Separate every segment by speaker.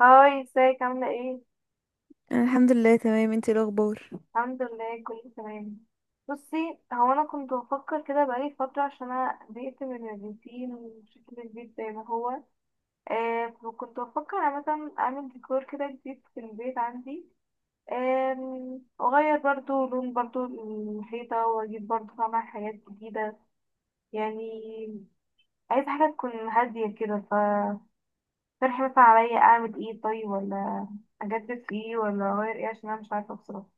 Speaker 1: هاي، ازيك عاملة ايه؟
Speaker 2: أنا الحمد لله تمام. انتي إيه الاخبار؟
Speaker 1: الحمد لله، كله تمام. بصي، هو انا كنت بفكر كده بقالي فترة، عشان انا زهقت من الروتين وشكل البيت زي ما هو. فكنت بفكر أنا مثلا اعمل ديكور كده جديد في البيت عندي. واغير برضو لون برضو الحيطة، واجيب برضو طبعا حاجات جديدة. يعني عايزة حاجة تكون هادية كده. فاقترحي مثلا عليا اعمل ايه طيب، ولا اجدد في ايه ولا اغير ايه؟ عشان انا مش عارفة بصراحة.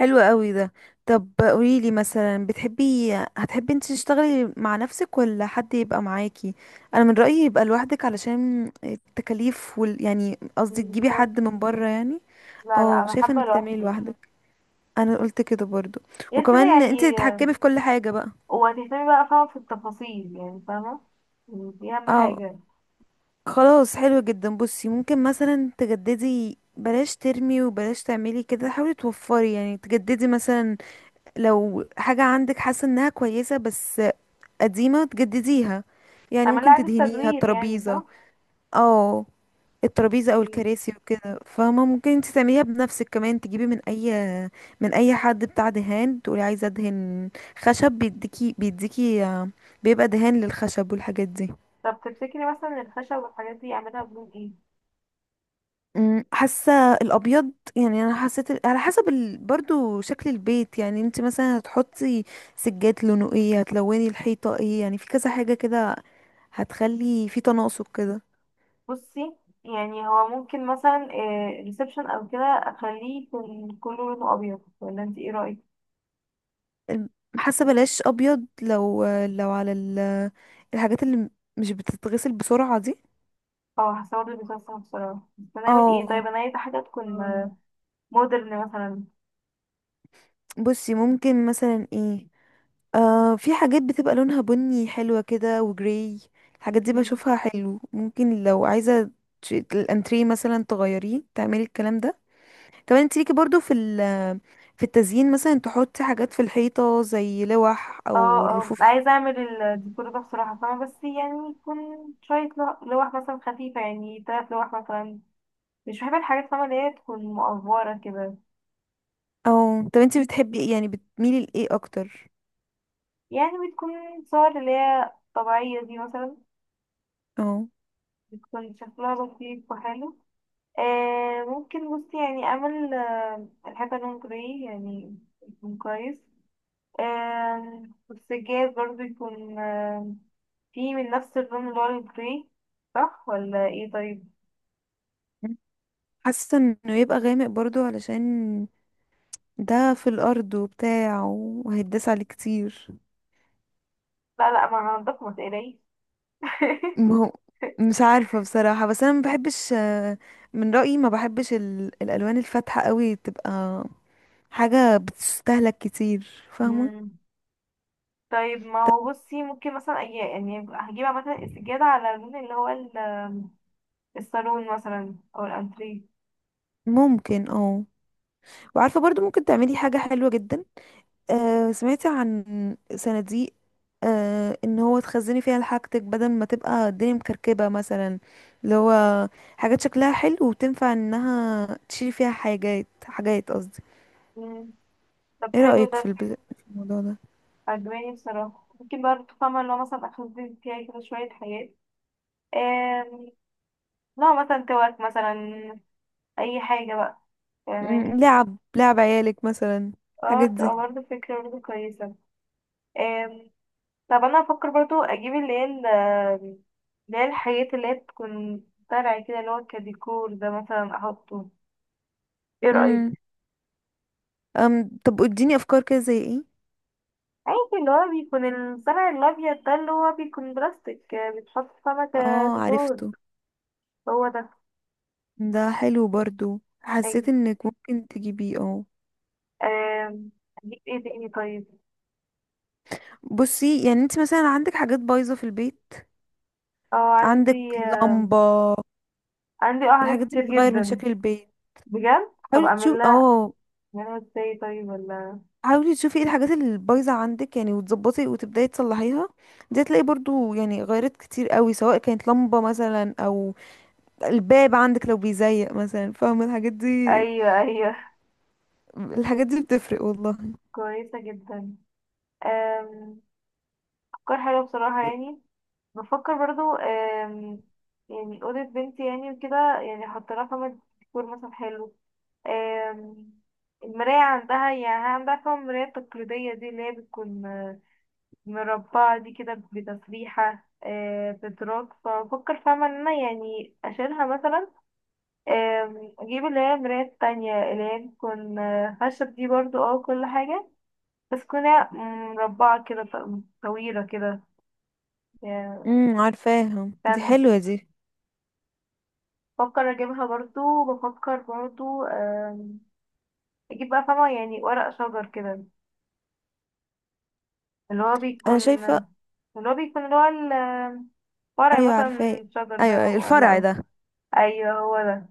Speaker 2: حلو قوي ده. طب قوليلي مثلا، بتحبي انتي تشتغلي مع نفسك ولا حد يبقى معاكي؟ انا من رأيي يبقى لوحدك علشان التكاليف يعني قصدي تجيبي حد
Speaker 1: بالظبط.
Speaker 2: من بره يعني.
Speaker 1: لا، لا،
Speaker 2: اه،
Speaker 1: انا
Speaker 2: شايفه
Speaker 1: حابه
Speaker 2: انك تعملي
Speaker 1: لوحدي.
Speaker 2: لوحدك. انا قلت كده برضو.
Speaker 1: غير كده
Speaker 2: وكمان انتي
Speaker 1: يعني.
Speaker 2: تتحكمي في كل حاجه بقى.
Speaker 1: وهتهتمي بقى، فاهمه في التفاصيل، يعني فاهمه. يعني دي اهم
Speaker 2: اه،
Speaker 1: حاجه.
Speaker 2: خلاص، حلو جدا. بصي، ممكن مثلا تجددي، بلاش ترمي وبلاش تعملي كده، حاولي توفري، يعني تجددي مثلا لو حاجة عندك حاسة انها كويسة بس قديمة، تجدديها. يعني
Speaker 1: اعمل لها
Speaker 2: ممكن
Speaker 1: اعاده
Speaker 2: تدهنيها
Speaker 1: تدوير، يعني
Speaker 2: الترابيزة،
Speaker 1: صح.
Speaker 2: اه، الترابيزة او
Speaker 1: مم.
Speaker 2: الكراسي وكده، فاهمة؟ ممكن انت تعمليها بنفسك. كمان تجيبي من من اي حد بتاع دهان تقولي عايزة ادهن خشب بيديكي. بيديكي بيبقى دهان للخشب والحاجات دي.
Speaker 1: طب تفتكري مثلا الخشب والحاجات دي اعملها بلون ايه؟
Speaker 2: حاسة الابيض. يعني انا حسيت على حسب برضو شكل البيت. يعني انت مثلا هتحطي سجاد لونه ايه، هتلوني الحيطة ايه، يعني في كذا حاجة كده هتخلي في تناسق كده.
Speaker 1: بصي، يعني هو ممكن مثلا ريسبشن او كده اخليه يكون كله لونه ابيض، ولا انت ايه رايك؟
Speaker 2: الم- حاسه بلاش ابيض، لو على الحاجات اللي مش بتتغسل بسرعه دي.
Speaker 1: اه، حاسه برضه بيكون صعب بصراحه، بس هنعمل ايه
Speaker 2: اه.
Speaker 1: طيب؟ انا عايزه حاجه تكون
Speaker 2: أم،
Speaker 1: مودرن مثلا.
Speaker 2: بصي ممكن مثلا ايه، آه، في حاجات بتبقى لونها بني حلوة كده، وجراي. الحاجات دي بشوفها حلو. ممكن لو عايزة الانتريه مثلا تغيريه، تعملي الكلام ده. كمان انت ليكي برضو في التزيين مثلا تحطي حاجات في الحيطة زي لوح
Speaker 1: اه،
Speaker 2: او
Speaker 1: اه،
Speaker 2: رفوف.
Speaker 1: عايزة اعمل الديكور ده بصراحة، فاهمة، بس يعني يكون شوية لوح مثلا خفيفة، يعني تلات لوح مثلا. مش بحب الحاجات، فاهمة، اللي هي تكون مقفرة كده.
Speaker 2: اه. طب انتي بتحبي ايه، يعني بتميلي لايه اكتر؟
Speaker 1: يعني بتكون صور اللي هي طبيعية دي مثلا،
Speaker 2: اه،
Speaker 1: بتكون شكلها لطيف وحلو. ممكن، بصي يعني اعمل الحيطة لون جراي، يعني يكون كويس. آه والسجاد برضه يكون فيه من نفس اللون اللي هو الجراي. صح ولا ايه طيب؟
Speaker 2: حاسه انه يبقى غامق برضو، علشان ده في الارض وبتاع، وهيتداس عليه كتير.
Speaker 1: لا، لا، ما هنضف، ما تقلقيش.
Speaker 2: ما هو مش عارفه بصراحه، بس انا ما بحبش، من رايي ما بحبش الالوان الفاتحه قوي، تبقى حاجه بتستهلك كتير، فاهمه؟
Speaker 1: مم. طيب، ما
Speaker 2: طب
Speaker 1: هو بصي، ممكن مثلا يعني هجيب مثلا السجادة على اللون اللي هو الصالون مثلا أو الأنتريه.
Speaker 2: ممكن اه. وعارفه برضو ممكن تعملي حاجه حلوه جدا. آه، سمعتي عن صناديق؟ آه، ان هو تخزني فيها حاجتك بدل ما تبقى الدنيا مكركبة مثلا، اللي هو حاجات شكلها حلو وتنفع انها تشيلي فيها حاجات، حاجات قصدي.
Speaker 1: مم. طب
Speaker 2: ايه
Speaker 1: حلو
Speaker 2: رأيك
Speaker 1: ده.
Speaker 2: في الموضوع ده؟
Speaker 1: عجباني بصراحة، ممكن برضه فاهمة اللي هو مثلا أخزن فيها كده شوية حاجات. آم، نوع مثلا توك مثلا، أي حاجة بقى، فاهماني.
Speaker 2: لعب، لعب عيالك مثلا، الحاجات
Speaker 1: اه، تبقى
Speaker 2: دي.
Speaker 1: برضه فكرة برضه كويسة. آم، طب أنا أفكر برضه أجيب اللي هي اللي هي الحاجات اللي هي بتكون طالعة كده، اللي هو كديكور ده مثلا أحطه. ايه رأيك؟
Speaker 2: امم. أم، طب اديني افكار كده زي ايه.
Speaker 1: عادي، اللي هو بيكون الصنع الأبيض ده، اللي هو بيكون بلاستيك بيتحط سمكة
Speaker 2: اه
Speaker 1: ديكور.
Speaker 2: عرفته.
Speaker 1: هو ده.
Speaker 2: ده حلو برضو. حسيت
Speaker 1: أيوة.
Speaker 2: انك ممكن تجيبيه اه.
Speaker 1: آم، أجيب ايه تاني طيب؟
Speaker 2: بصي، يعني انت مثلا عندك حاجات بايظة في البيت،
Speaker 1: اه،
Speaker 2: عندك لمبة،
Speaker 1: عندي حاجات
Speaker 2: الحاجات دي
Speaker 1: كتير
Speaker 2: بتغير من
Speaker 1: جدا.
Speaker 2: شكل البيت.
Speaker 1: بجد، طب
Speaker 2: حاولي
Speaker 1: أعمل
Speaker 2: تشوف
Speaker 1: لها
Speaker 2: اه،
Speaker 1: أعملها ازاي طيب ولا؟
Speaker 2: حاولي تشوفي ايه الحاجات اللي بايظة عندك يعني، وتظبطي وتبداي تصلحيها. دي هتلاقي برضو يعني غيرت كتير قوي، سواء كانت لمبة مثلا او الباب عندك لو بيزيق مثلا، فاهمة الحاجات دي؟
Speaker 1: أيوة، أيوة،
Speaker 2: الحاجات دي بتفرق والله.
Speaker 1: كويسة جدا. آم، أفكار حلوة بصراحة يعني. بفكر برضو يعني أوضة بنتي يعني وكده، يعني أحط لها خامة ديكور مثلا حلو. آم، المراية عندها، يعني عندها فيها المراية التقليدية دي اللي هي بتكون مربعة دي كده بتسريحة بدراج، فبفكر فاهمة ان انا يعني اشيلها مثلا. اجيب اللي هي المراية التانية، اللي هي بتكون خشب دي برضو كل حاجة، بس تكون هي مربعة كده، طويلة كده يعني،
Speaker 2: امم، عارفاها دي،
Speaker 1: ستاند.
Speaker 2: حلوة دي.
Speaker 1: بفكر اجيبها برضو، بفكر برضو اجيب بقى فاهمة يعني ورق شجر كده. اللي هو
Speaker 2: انا
Speaker 1: بيكون
Speaker 2: شايفة.
Speaker 1: اللي هو بيكون فرع
Speaker 2: ايوه عارفاه.
Speaker 1: مثلا، الشجر
Speaker 2: ايوه،
Speaker 1: ده
Speaker 2: أيوة،
Speaker 1: ولا
Speaker 2: الفرع
Speaker 1: لأ؟
Speaker 2: ده.
Speaker 1: ايوه، هو ده.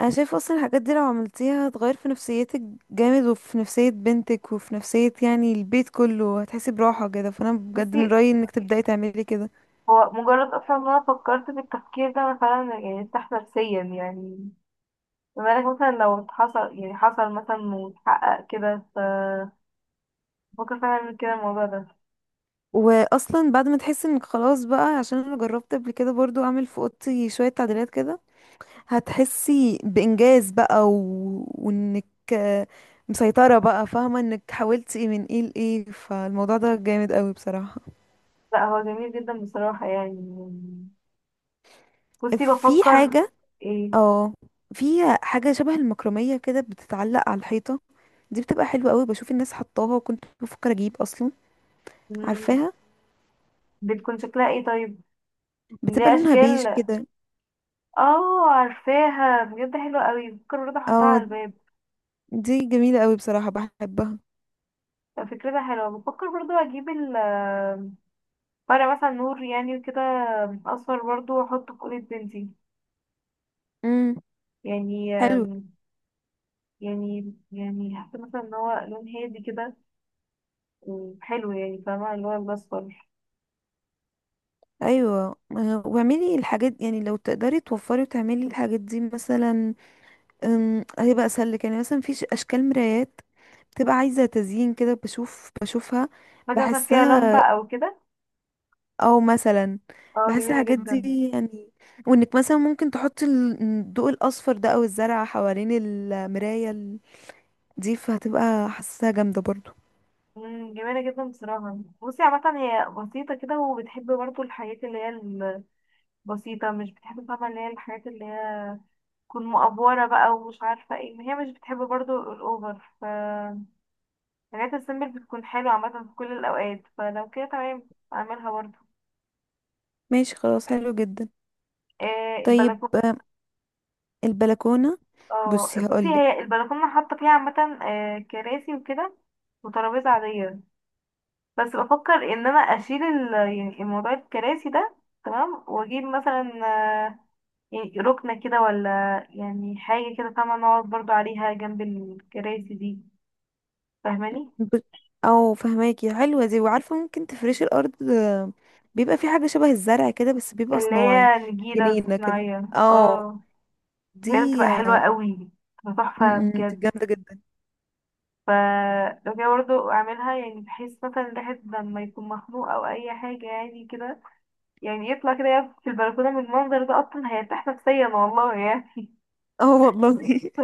Speaker 2: انا شايفه اصلا الحاجات دي لو عملتيها، هتغير في نفسيتك جامد، وفي نفسيه بنتك، وفي نفسيه يعني البيت كله. هتحسي براحه كده، فانا بجد
Speaker 1: بصي،
Speaker 2: من رايي انك تبداي تعملي كده.
Speaker 1: هو مجرد اصلا ان انا فكرت في التفكير ده، انا فعلا يعني ارتحت نفسيا يعني. بما انك مثلا لو حصل، يعني حصل مثلا واتحقق كده، ف بفكر فعلا اعمل كده الموضوع ده.
Speaker 2: واصلا بعد ما تحسي انك خلاص بقى، عشان انا جربت قبل كده برضو اعمل في اوضتي شويه تعديلات كده، هتحسي بانجاز بقى وانك آه، مسيطره بقى، فاهمه انك حاولتي من ايه لايه، فالموضوع ده جامد قوي بصراحه.
Speaker 1: لا، هو جميل جدا بصراحة يعني. بصي
Speaker 2: في
Speaker 1: بفكر.
Speaker 2: حاجه،
Speaker 1: ايه؟
Speaker 2: اه، في حاجه شبه المكرميه كده، بتتعلق على الحيطه، دي بتبقى حلوة قوي. بشوف الناس حطاها، وكنت بفكر اجيب اصلا.
Speaker 1: مم،
Speaker 2: عارفاها؟
Speaker 1: بتكون شكلها ايه طيب؟
Speaker 2: بتبقى
Speaker 1: ليه
Speaker 2: لونها بيج
Speaker 1: اشكال.
Speaker 2: كده.
Speaker 1: اه، عارفاها بجد حلوة قوي، بفكر برضه احطها على
Speaker 2: اه،
Speaker 1: الباب.
Speaker 2: دي جميلة قوي بصراحة، بحبها.
Speaker 1: فكرتها حلوة، بفكر برضو اجيب ال فرع مثلا نور يعني كده، اصفر برضو، واحطه في اوضة بنتي.
Speaker 2: امم.
Speaker 1: يعني
Speaker 2: حلو.
Speaker 1: يعني حاسة مثلا ان هو لون هادي كده وحلو، يعني فاهمة اللي هو الاصفر.
Speaker 2: ايوه واعملي الحاجات، يعني لو تقدري توفري وتعملي الحاجات دي مثلا، هيبقى اسهل لك. يعني مثلا في اشكال مرايات بتبقى عايزة تزيين كده، بشوف، بشوفها،
Speaker 1: حاجة مثلا فيها لمبة
Speaker 2: بحسها.
Speaker 1: او كده،
Speaker 2: او مثلا
Speaker 1: اه
Speaker 2: بحس
Speaker 1: جميلة
Speaker 2: الحاجات
Speaker 1: جدا.
Speaker 2: دي يعني. وانك مثلا ممكن تحطي الضوء الاصفر ده او الزرع حوالين المراية دي، فهتبقى حاساها جامدة برضو.
Speaker 1: جميلة جدا بصراحة. بصي، عامة هي بسيطة كده، وبتحب برضو الحاجات اللي هي البسيطة، مش بتحب فاهمة اللي هي الحاجات اللي هي تكون مأفورة بقى ومش عارفة ايه، هي مش بتحب برضو الأوفر، ف الحاجات السيمبل بتكون حلوة عامة في كل الأوقات، فلو كده تمام أعملها برضه.
Speaker 2: ماشي خلاص، حلو جدا. طيب
Speaker 1: البلكونة.
Speaker 2: البلكونة.
Speaker 1: اه،
Speaker 2: بصي
Speaker 1: بصي
Speaker 2: هقولك.
Speaker 1: هي البلكونة حاطة فيها عامة كراسي وكده، وترابيزة عادية. بس بفكر إن أنا أشيل يعني الموضوع الكراسي ده، تمام، وأجيب مثلا آه، يعني ركنة كده، ولا يعني حاجة كده فاهمة، نقعد برضه عليها جنب الكراسي دي، فاهماني؟
Speaker 2: ب... او فهماكي حلوة دي. وعارفة ممكن تفرشي الأرض، بيبقى في حاجة شبه الزرع كده، بس بيبقى
Speaker 1: اللي
Speaker 2: صناعي،
Speaker 1: هي نجيلة
Speaker 2: جنينة كده.
Speaker 1: صناعية،
Speaker 2: اه،
Speaker 1: اه بجد
Speaker 2: دي
Speaker 1: بتبقى حلوة قوي، بتبقى
Speaker 2: م-
Speaker 1: تحفة
Speaker 2: م، دي
Speaker 1: بجد.
Speaker 2: جامدة جدا.
Speaker 1: فلو كده برضه اعملها، يعني بحيث مثلا الواحد لما يكون مخنوق او اي حاجة يعني كده، يعني يطلع كده، يقف في البلكونة، من المنظر ده اصلا هيرتاح نفسيا والله يعني.
Speaker 2: اه والله.
Speaker 1: ف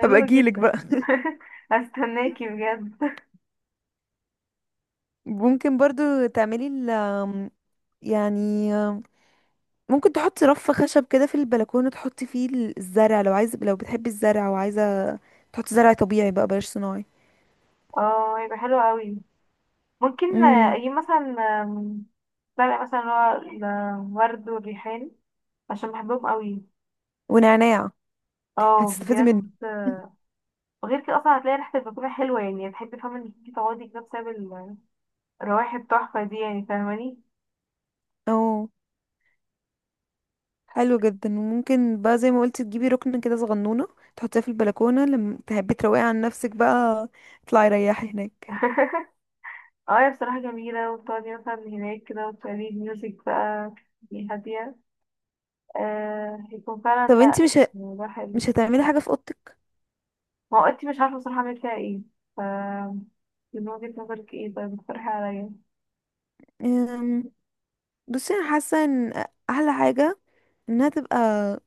Speaker 2: هبقى اجيلك
Speaker 1: جدا.
Speaker 2: بقى.
Speaker 1: هستناكي بجد.
Speaker 2: ممكن برضو تعملي ال يعني آم، ممكن تحطي رف خشب كده في البلكونة، تحطي فيه الزرع، لو عايزة، لو بتحبي الزرع وعايزة تحطي زرع طبيعي بقى، بلاش صناعي.
Speaker 1: اه، هيبقى حلو قوي. ممكن
Speaker 2: امم.
Speaker 1: اجيب مثلا آم، ورق مثلا اللي هو الورد والريحان، عشان بحبهم قوي.
Speaker 2: ونعناع،
Speaker 1: اه
Speaker 2: هتستفيدي
Speaker 1: بجد.
Speaker 2: منه.
Speaker 1: وغير كده اصلا هتلاقي ريحة البلكونة حلوة، يعني هتحبي فاهمة انك انتي تقعدي كده بسبب الروايح التحفة دي، يعني فاهماني.
Speaker 2: اه، حلو جدا. وممكن بقى زي ما قلت تجيبي ركن كده صغنونة، تحطيها في البلكونة لما تحبي تروقي عن نفسك بقى، اطلعي ريحي هناك.
Speaker 1: اه، هي بصراحة جميلة، وتقعدي مثلا هناك كده، وتشغلي ميوزك بقى، تبقي هادية. هيكون
Speaker 2: طب
Speaker 1: فعلا،
Speaker 2: انتي
Speaker 1: لا، الموضوع حلو.
Speaker 2: مش هتعملي حاجة في اوضتك؟
Speaker 1: ما هو انتي مش عارفة بصراحة اعمل فيها ايه، ف من وجهة نظرك ايه طيب، اقترحي عليا.
Speaker 2: أم، بصي انا حاسة ان احلى حاجة انها تبقى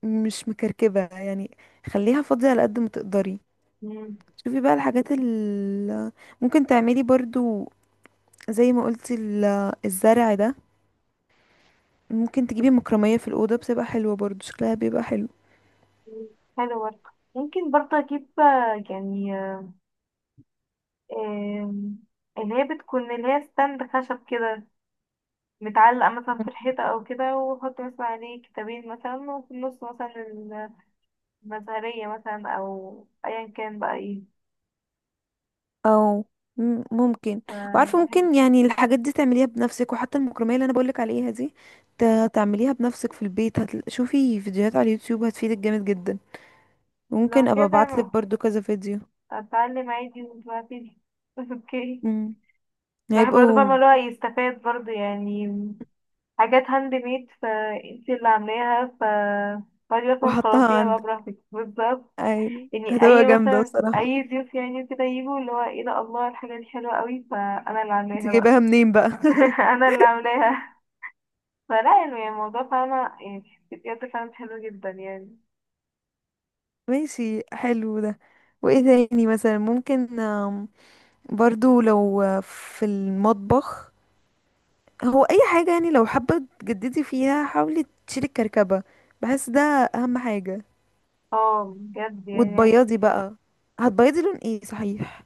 Speaker 2: مش مكركبة يعني. خليها فاضية على قد ما تقدري.
Speaker 1: مم.
Speaker 2: شوفي بقى الحاجات ال ممكن تعملي برضو، زي ما قلتي الزرع ده، ممكن تجيبي مكرمية في الأوضة، بتبقى حلوة برضو، شكلها بيبقى حلو.
Speaker 1: حلو برضه. ممكن برضه اجيب يعني آه اللي هي ستاند خشب كده، متعلقة مثلا في الحيطة أو كده، وأحط مثلا عليه كتابين مثلا، وفي النص مثلا المزهرية مثلا، أو أيا كان بقى إيه،
Speaker 2: او ممكن. وعارفه
Speaker 1: فيبقى حلو.
Speaker 2: ممكن يعني الحاجات دي تعمليها بنفسك، وحتى المكرميه اللي انا بقولك عليها دي تعمليها بنفسك في البيت. شوفي فيديوهات على اليوتيوب، هتفيدك جامد جدا. ممكن
Speaker 1: لو
Speaker 2: ابقى
Speaker 1: كده
Speaker 2: ابعتلك
Speaker 1: تمام،
Speaker 2: برضو كذا فيديو.
Speaker 1: اتعلم عادي دلوقتي. اوكي.
Speaker 2: امم،
Speaker 1: الواحد برضه فاهمة
Speaker 2: هيبقوا.
Speaker 1: اللي هو يستفاد برضه يعني، حاجات هاند ميد فانتي اللي عاملاها، ف فاضي اصلا،
Speaker 2: وحطها
Speaker 1: خلاصيها
Speaker 2: عند
Speaker 1: بقى براحتك، بالظبط.
Speaker 2: أي.
Speaker 1: يعني
Speaker 2: هتبقى
Speaker 1: اي
Speaker 2: جامدة
Speaker 1: مثلا
Speaker 2: بصراحة،
Speaker 1: اي ضيوف يعني كده يجوا، اللي هو ايه ده، الله الحاجة دي حلوة قوي، فانا اللي
Speaker 2: انت
Speaker 1: عاملاها بقى.
Speaker 2: جايباها منين بقى؟
Speaker 1: انا اللي عاملاها، فلا يعني الموضوع فاهمة، يعني بجد فعلا حلو جدا يعني.
Speaker 2: ماشي، حلو ده. وايه تاني مثلا ممكن، برضو لو في المطبخ. هو اي حاجة يعني لو حابة تجددي فيها، حاولي تشيلي الكركبة، بحس ده اهم حاجة.
Speaker 1: اه بجد يعني.
Speaker 2: وتبيضي بقى. هتبيضي لون ايه صحيح؟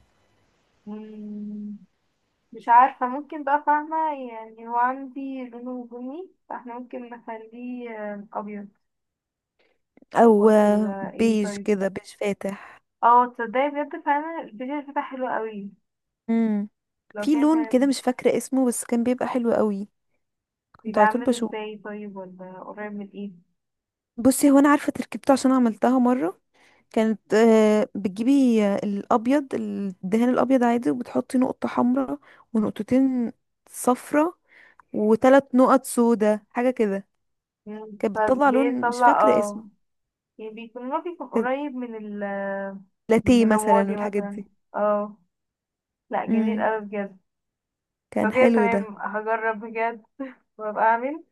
Speaker 1: مم. مش عارفة، ممكن بقى فاهمة، يعني هو عندي لونه بني، فاحنا ممكن نخليه أبيض،
Speaker 2: او
Speaker 1: ولا ايه
Speaker 2: بيج
Speaker 1: طيب؟
Speaker 2: كده، بيج فاتح.
Speaker 1: اه، تصدقي بجد فعلا البيج الفتح حلو قوي.
Speaker 2: امم.
Speaker 1: لو
Speaker 2: في
Speaker 1: كان
Speaker 2: لون كده
Speaker 1: كان
Speaker 2: مش فاكرة اسمه، بس كان بيبقى حلو قوي، كنت
Speaker 1: بيبقى
Speaker 2: على طول
Speaker 1: عامل
Speaker 2: بشوف.
Speaker 1: ازاي طيب، ولا قريب من ايه؟
Speaker 2: بصي هو انا عارفة تركيبته عشان عملتها مرة. كانت بتجيبي الابيض، الدهان الابيض عادي، وبتحطي نقطة حمراء، ونقطتين صفرة، وثلاث نقط سودا، حاجة كده. كانت بتطلع لون مش
Speaker 1: فبيطلع
Speaker 2: فاكرة اسمه.
Speaker 1: يعني بيكون، هو بيكون
Speaker 2: كان
Speaker 1: قريب من ال من
Speaker 2: لاتيه مثلا
Speaker 1: الرمادي
Speaker 2: والحاجات
Speaker 1: مثلا.
Speaker 2: دي.
Speaker 1: اه، لا جميل
Speaker 2: امم،
Speaker 1: قوي بجد. لو
Speaker 2: كان
Speaker 1: كده
Speaker 2: حلو ده.
Speaker 1: تمام، هجرب بجد وابقى اعمل،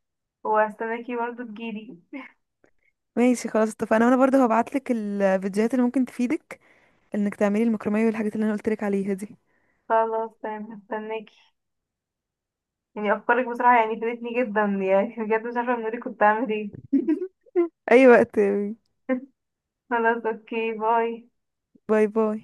Speaker 1: وهستناكي برضه تجيلي.
Speaker 2: ماشي خلاص، اتفقنا. وانا برضه هبعتلك الفيديوهات اللي ممكن تفيدك، انك تعملي المكرمية والحاجات اللي انا قلتلك عليها دي.
Speaker 1: خلاص تمام، هستناكي. يعني افكارك بصراحة يعني فادتني جدا يعني، بجد مش عارفة من غيرك كنت هعمل ايه.
Speaker 2: اي وقت.
Speaker 1: خلاص اوكي، باي.
Speaker 2: باي باي.